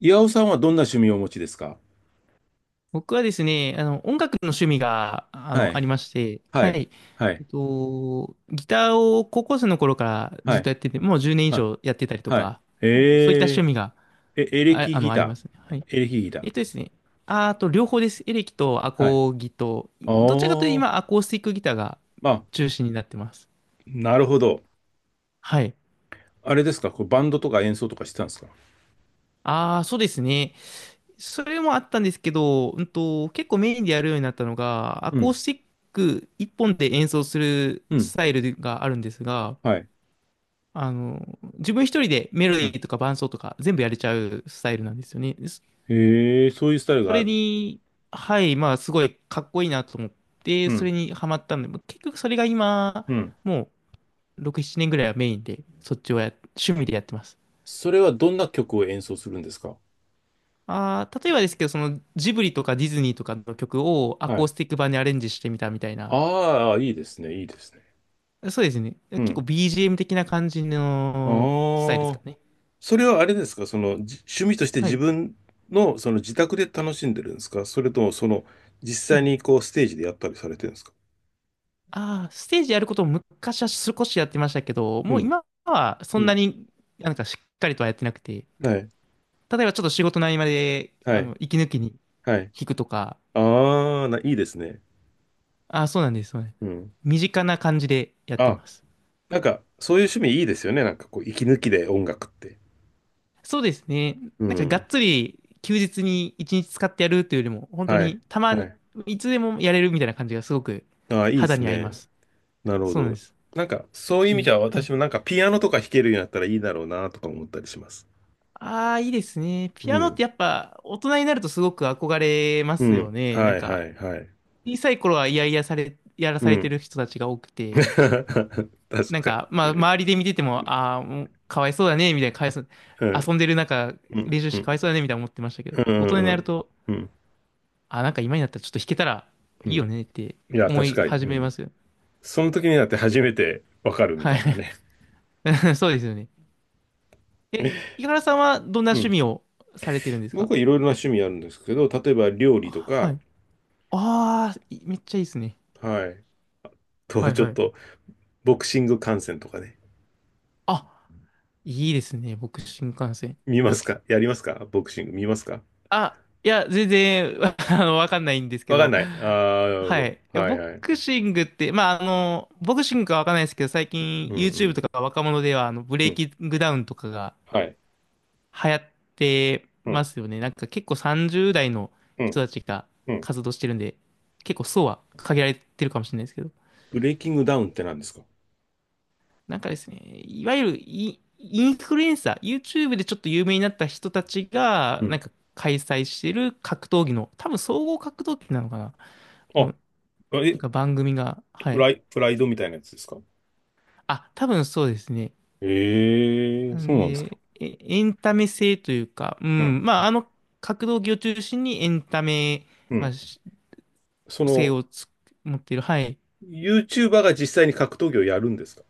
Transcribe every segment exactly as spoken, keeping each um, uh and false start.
岩尾さんはどんな趣味をお持ちですか？僕はですね、あの、音楽の趣味が、あはの、あい。りまして、ははい。い。はえい。っと、ギターを高校生の頃からはずっい。とやってて、もうじゅうねん以はい。上やってたりとはい。か、えあのそういった趣ー、味が、え、エレあ、キあの、ギありまタすね。はい。ー。エレキギター。えっとですね、ああと、両方です。エレキとアはい。コギと、あどちらかというとー。今、アコースティックギターがまあ、中心になってます。なるほど。はい。あれですかこうバンドとか演奏とかしてたんですか？ああ、そうですね。それもあったんですけど、うんと、結構メインでやるようになったのが、アうコーん。スティック一本で演奏するうん。スタイルがあるんですが、はい。あの、自分一人でメロうディん。ーとか伴奏とか全部やれちゃうスタイルなんですよね。そへえ、そういうスタイルそがあれる。に、はい、まあすごいかっこいいなと思っうて、そん。れにハマったんで、結局それが今、うん。もうろく、ななねんぐらいはメインで、そっちをや、趣味でやってます。それはどんな曲を演奏するんですか？ああ、例えばですけど、そのジブリとかディズニーとかの曲をアはコーい。スティック版にアレンジしてみたみたいな。ああ、いいですね。いいですね。そうですね。う結構 ん。ビージーエム 的な感じのスタイルですあかあ。ね。それはあれですか、そのじ趣味としては自い。分のその自宅で楽しんでるんですか、それともその実う際ん。にこうステージでやったりされてるんですか。ああ、ステージやることも昔は少しやってましたけど、うもうん、今はそうんなん、になんかしっかりとはやってなくて、はい、例えばちょっと仕事の合間で、はあい、の、息抜きにはい。弾くとか、ああ、な、いいですね。ああ、そうなんです、そうなんです。うん。身近な感じでやってあ、ます。なんかそういう趣味いいですよね、なんかこう息抜きで音楽って。そうですね。うなんかがん、っつり休日に一日使ってやるというよりも、本当はい、にたまはに、い。いつでもやれるみたいな感じがすごくああ、いいで肌すに合いまね。す。なるほそうなんでど。す。なんかそういう意い味い。じゃはい。私もなんかピアノとか弾けるようになったらいいだろうなとか思ったりします。ああ、いいですね。うピアノっん、てやっぱ大人になるとすごく憧れまうすよん、ね。なはんい、はか、い、はい。小さい頃は嫌々され、やらうされてん。 る人たちが多くて、確なんかか、まあ、に。周りで見てても、ああ、もうかわいそうだね、みたいな、かわいそう、うん、遊んでる中、うん、練習しうてかわん、いそうだね、みたいな思ってましたけど、う大人ん、にうなるん、と、うん、ああ、なんか今になったらちょっと弾けたらういいよん。ねっていや、思確いかに。始うめまん。すよ。その時になって初めてわかるみはたいない。ね。そうですよね。え、井原さんはどんなう趣ん。味をされてるんですか？僕はいろいろな趣味あるんですけど、例えば料理あとはか、い。ああ、いめっちゃいいですね。はい。あとははいちょはっい。と、ボクシング観戦とかね。あ、いいですね。僕、新幹線。見ますか？やりますか？ボクシング見ますか？あ、いや、全然、あの、わかんないんですけわかんど。ない。ああ、なるほはい。いど。やはいボはい。クシングって、まあ、あの、ボクシングかわかんないですけど、最近 うんう YouTube ん。とか若者では、あの、ブレうイん。キングダウンとかがはい。流行ってうまん。すよね。なんか結構さんじゅう代のう人ん。たちがうん。活動してるんで、結構層は限られてるかもしれないですけど。ブレイキングダウンって何ですか？なんかですね、いわゆるイ、インフルエンサー、YouTube でちょっと有名になった人たちうが、なん。んか開催してる格闘技の、多分総合格闘技なのかな、のなあ、んえ、か番組が、はプい。ライ、プライドみたいなやつですか？あ、多分そうですね。ええ、なそんうなんですか。で、えエンタメ性というか、ううん。ん、まあ、あの格闘技を中心にエンタメ、うまあ、ん。しそ性の、をつ持っている、はい。ユーチューバー が実際に格闘技をやるんですか？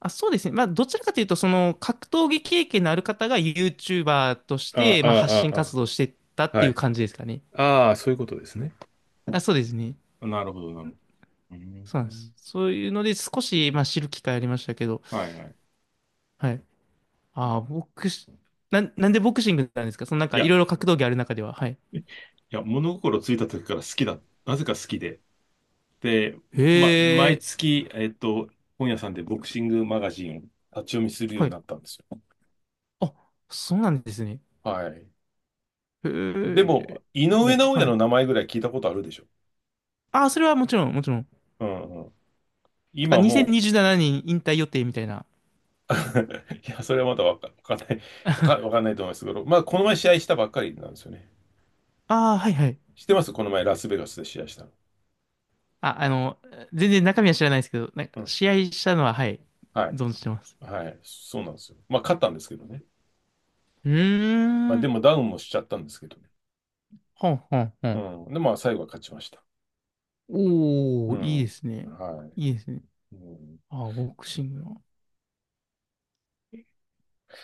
あ、そうですね。まあ、どちらかというと、その、格闘技経験のある方が YouTuber としあて、あ、まあ、発信ああ、活動をしてったっあてはいうい。感じですかね。ああ、そういうことですね。あ、そうですね。なるほど、なるほど。うそうなんです。ん。そういうので少し、まあ、知る機会ありましたけど、はいはい。はい。ああ、ボクシ、なん、なんでボクシングなんですか？そのなんいかいや、ろいろ格闘技ある中では。はい。いや、物心ついた時から好きだ。なぜか好きで。で、へま、毎え、月、えっと、本屋さんでボクシングマガジンを立ち読みするようはにい。なったんですよ。あ、そうなんですね。はい。へでえ、も、井も上う、尚弥はのい。名前ぐらい聞いたことあるでしょ。ああ、それはもちろん、もちろん。うん。なんか今もう。 にせんにじゅうななねん引退予定みたいな。いや、それはまだわか、わかんない。わか、わかんないと思いますけど、まあ、この前試合したばっかりなんですよね。ああ、はいはい。知ってますこの前ラスベガスで試合したの？あ、あの、全然中身は知らないですけど、なんうかん。試合したのは、はい、はい。存じてます。はい。そうなんですよ。まあ、勝ったんですけどね。うまあ、ーでん。もダウンもしちゃったんですけどね。ほんほんほうん。ん。で、まあ、最後は勝ちました。うおー、いいん。ですね。はい。いいですね。うん、あ、ボクシングの。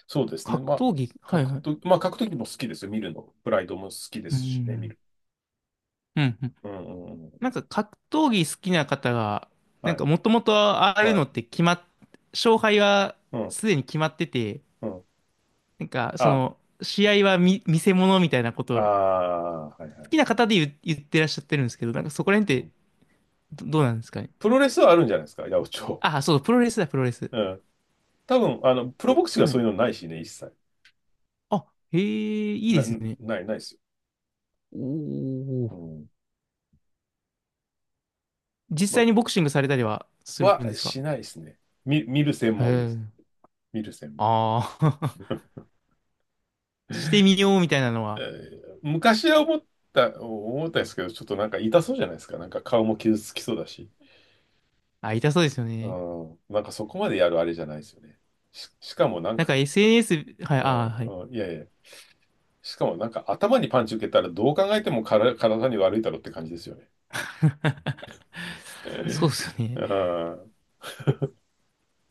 そうですね。格まあ、闘技はい格はい。闘、まあ、格闘技も好きですよ。見るの。プライドも好きでうすしね、見ん。る。うん。うん。うんうんうなん。んか格闘技好きな方が、なんはかい。もともとああいうはのい。って決まっ、勝敗はうん。すでに決まってて、うん。なんかそあ、の、試合は見、見せ物みたいなこあと、あ、はいは好い。きな方で言う、言ってらっしゃってるんですけど、なんかそこらう辺ってん。ど、どうなんですかね。プロレスはあるんじゃないですか、八百長。あ、そう、プロレスだ、プロレス。うん。多分、あの、プロおボクシングははそうい。いうのないしね、一切。あ、へえ、いいな、でなすい、ね。ないですよ。おうお。ん。実ま、際にボクシングされたりはするは、んですか？しないですね。見、見る専へ門でえ。す。見る専門。ああ。してえみようみたいなのは、ー昔は思った、思ったんですけど、ちょっとなんか痛そうじゃないですか。なんか顔も傷つきそうだし。あ、痛そうですようね。ん。なんかそこまでやるあれじゃないですよね。し、しかもなんなんか、か エスエヌエス、はい、うん、あ、はい。うん、いやいや。しかもなんか頭にパンチ受けたらどう考えてもから体に悪いだろうって感じですよね。そうです ようね。ん。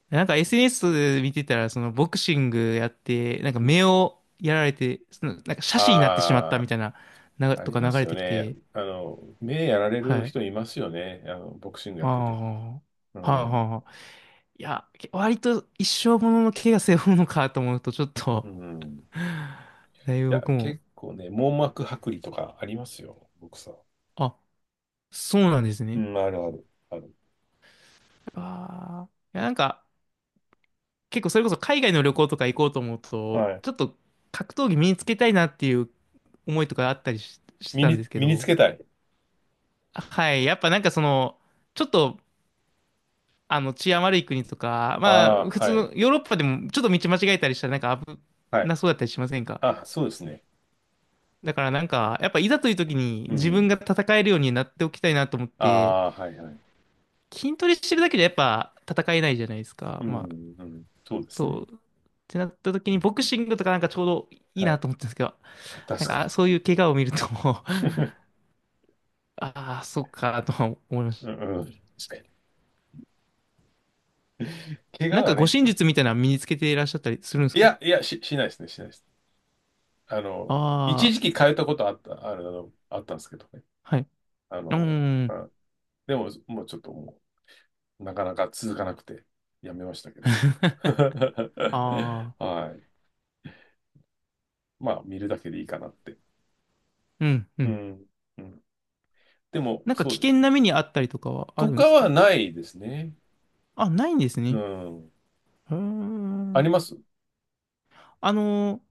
なんか エスエヌエス 見てたら、そのボクシングやって、なんかう目をやられて、その、なんか斜視になってしまったあみたいな、な、あ、あとりかま流すれよてきね。て、あの、目やられるはい。人いますよね。あの、ボクシングやあってて。あ、はいうはいん。はい。いや、け割と一生ものの怪我背負うのかと思うと、ちょっうと、ん。いだいぶや、僕も、結構ね、網膜剥離とかありますよ、ボクサー。あ、そうなんですうね。ん、あるある、ある。ああ。いや、なんか、結構それこそ海外の旅行とか行こうと思うと、はい。ちょっと格闘技身につけたいなっていう思いとかあったりし、して身たんでに、すけ身につど、けたい。はい、やっぱなんかその、ちょっとあの治安悪い国とか、あまあ普あ、通はい。のヨーロッパでもちょっと道間違えたりしたらなんか危はい。なそうだったりしませんか？あ、そうですね。だからなんか、やっぱいざという時にう自分ん。が戦えるようになっておきたいなと思っあて、あ、はいはい。筋トレしてるだけじゃやっぱ戦えないじゃないですか。うまあ、ん、うん。そうですね。そう。ってなった時にボクシングとかなんかちょうどいいはない。と思ったんですけど、確なんかか、に。あそういう怪我を見ると ああ、そっか、とは思いま しうた。ん、うん。確かに。怪な我んか、は護ね。身術みたいなの身につけていらっしゃったりするんですいか？や、いや、し、しないですね、しないです。あの、一あ時期通ったことあった、あれだの、あったんですけどね。あー、はい。あうの、ーん、あでも、もうちょっともう、なかなか続かなくて、やめましたけど。ああ、はい。まあ、見るだけでいいかなって。うん、ううん。ん。うん。でも、なんか、そう危だよ。険な目にあったりとかはあとるんでかすはか？ないですね。あ、ないんですうね。ん。へあー。ります。あの、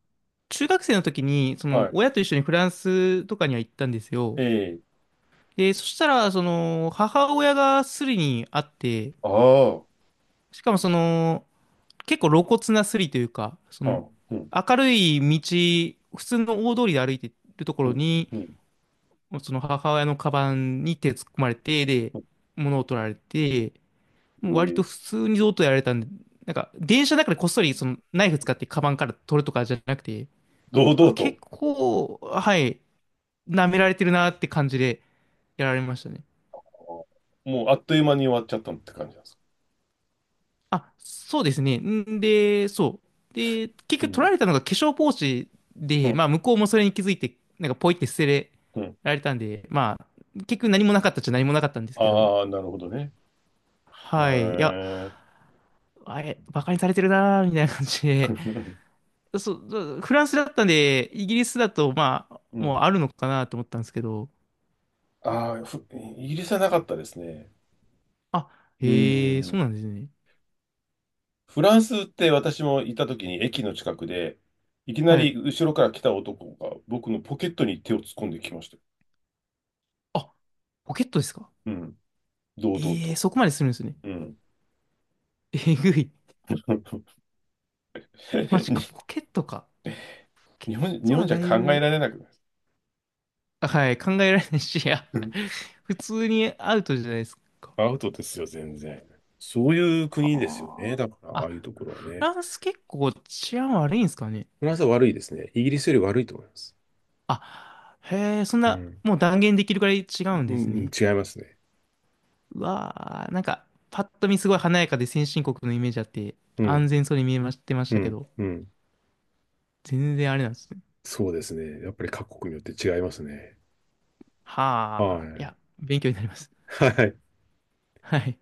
中学生の時に、そはの、い。親と一緒にフランスとかには行ったんですよ。ええ。で、そしたら、その、母親がスリにあって、ああ。しかもその、結構露骨なスリというか、そのあ、うん。明るい道、普通の大通りで歩いてるとこうろん。に、うん。その母親のカバンに手突っ込まれて、で、うん。物を取られて、もう割えとえ。普通にどうとやられたんで、なんか電車の中でこっそりそのナイフ使ってカバンから取るとかじゃなくて、堂あ、々と。結構、はい、舐められてるなって感じでやられましたね。あ、もう、あっという間に終わっちゃったって感じなんですか。あ、そうですね。んで、そう。で、結う局取ん。られたのが化粧ポーチうで、ん。まあ向こうもそれに気づいて、なんかポイって捨てうん。られたんで、まあ結局何もなかったっちゃ何もなかったんですけど、ああ、なるほどね。へはい。いや、え。あれ、バカにされてるなーみたいな感じで、そう、そうフランスだったんで、イギリスだとまあ、うもうん。あるのかなと思ったんですけど、ああ、ふイギリスはなかったですね。あ、うへえ、そうん。なんですね。フランスって私もいた時に駅の近くで、いきなはい。り後ろから来た男が僕のポケットに手を突っ込んできましたよ。あ、ポケットですか？うん。堂々ええー、と。そこまでするんですね。うん。えぐい。マジか、にポケットか。ケ日本、ッ日ト本はじだゃい考えぶ、られなくないですか。あはい、考えられないし、いや、うん。 普通にアウトじゃないですか。アウトですよ、全然。そういう国ですよね。はだから、あ。ああいうあ、ところはフね。ランス結構治安悪いんですかね。フランスは悪いですね。イギリスより悪いと思います。あ、へえ、そんうな、ん。もう断言できるくらい違うんうでん、すうん。ね。違いますね。うわあ、なんか、パッと見すごい華やかで先進国のイメージあって、うん。安全そうに見えましてましうたけん、ど、うん。全然あれなんですね。そうですね。やっぱり各国によって違いますね。ははあ、いい。や、勉強になります。はい。はい。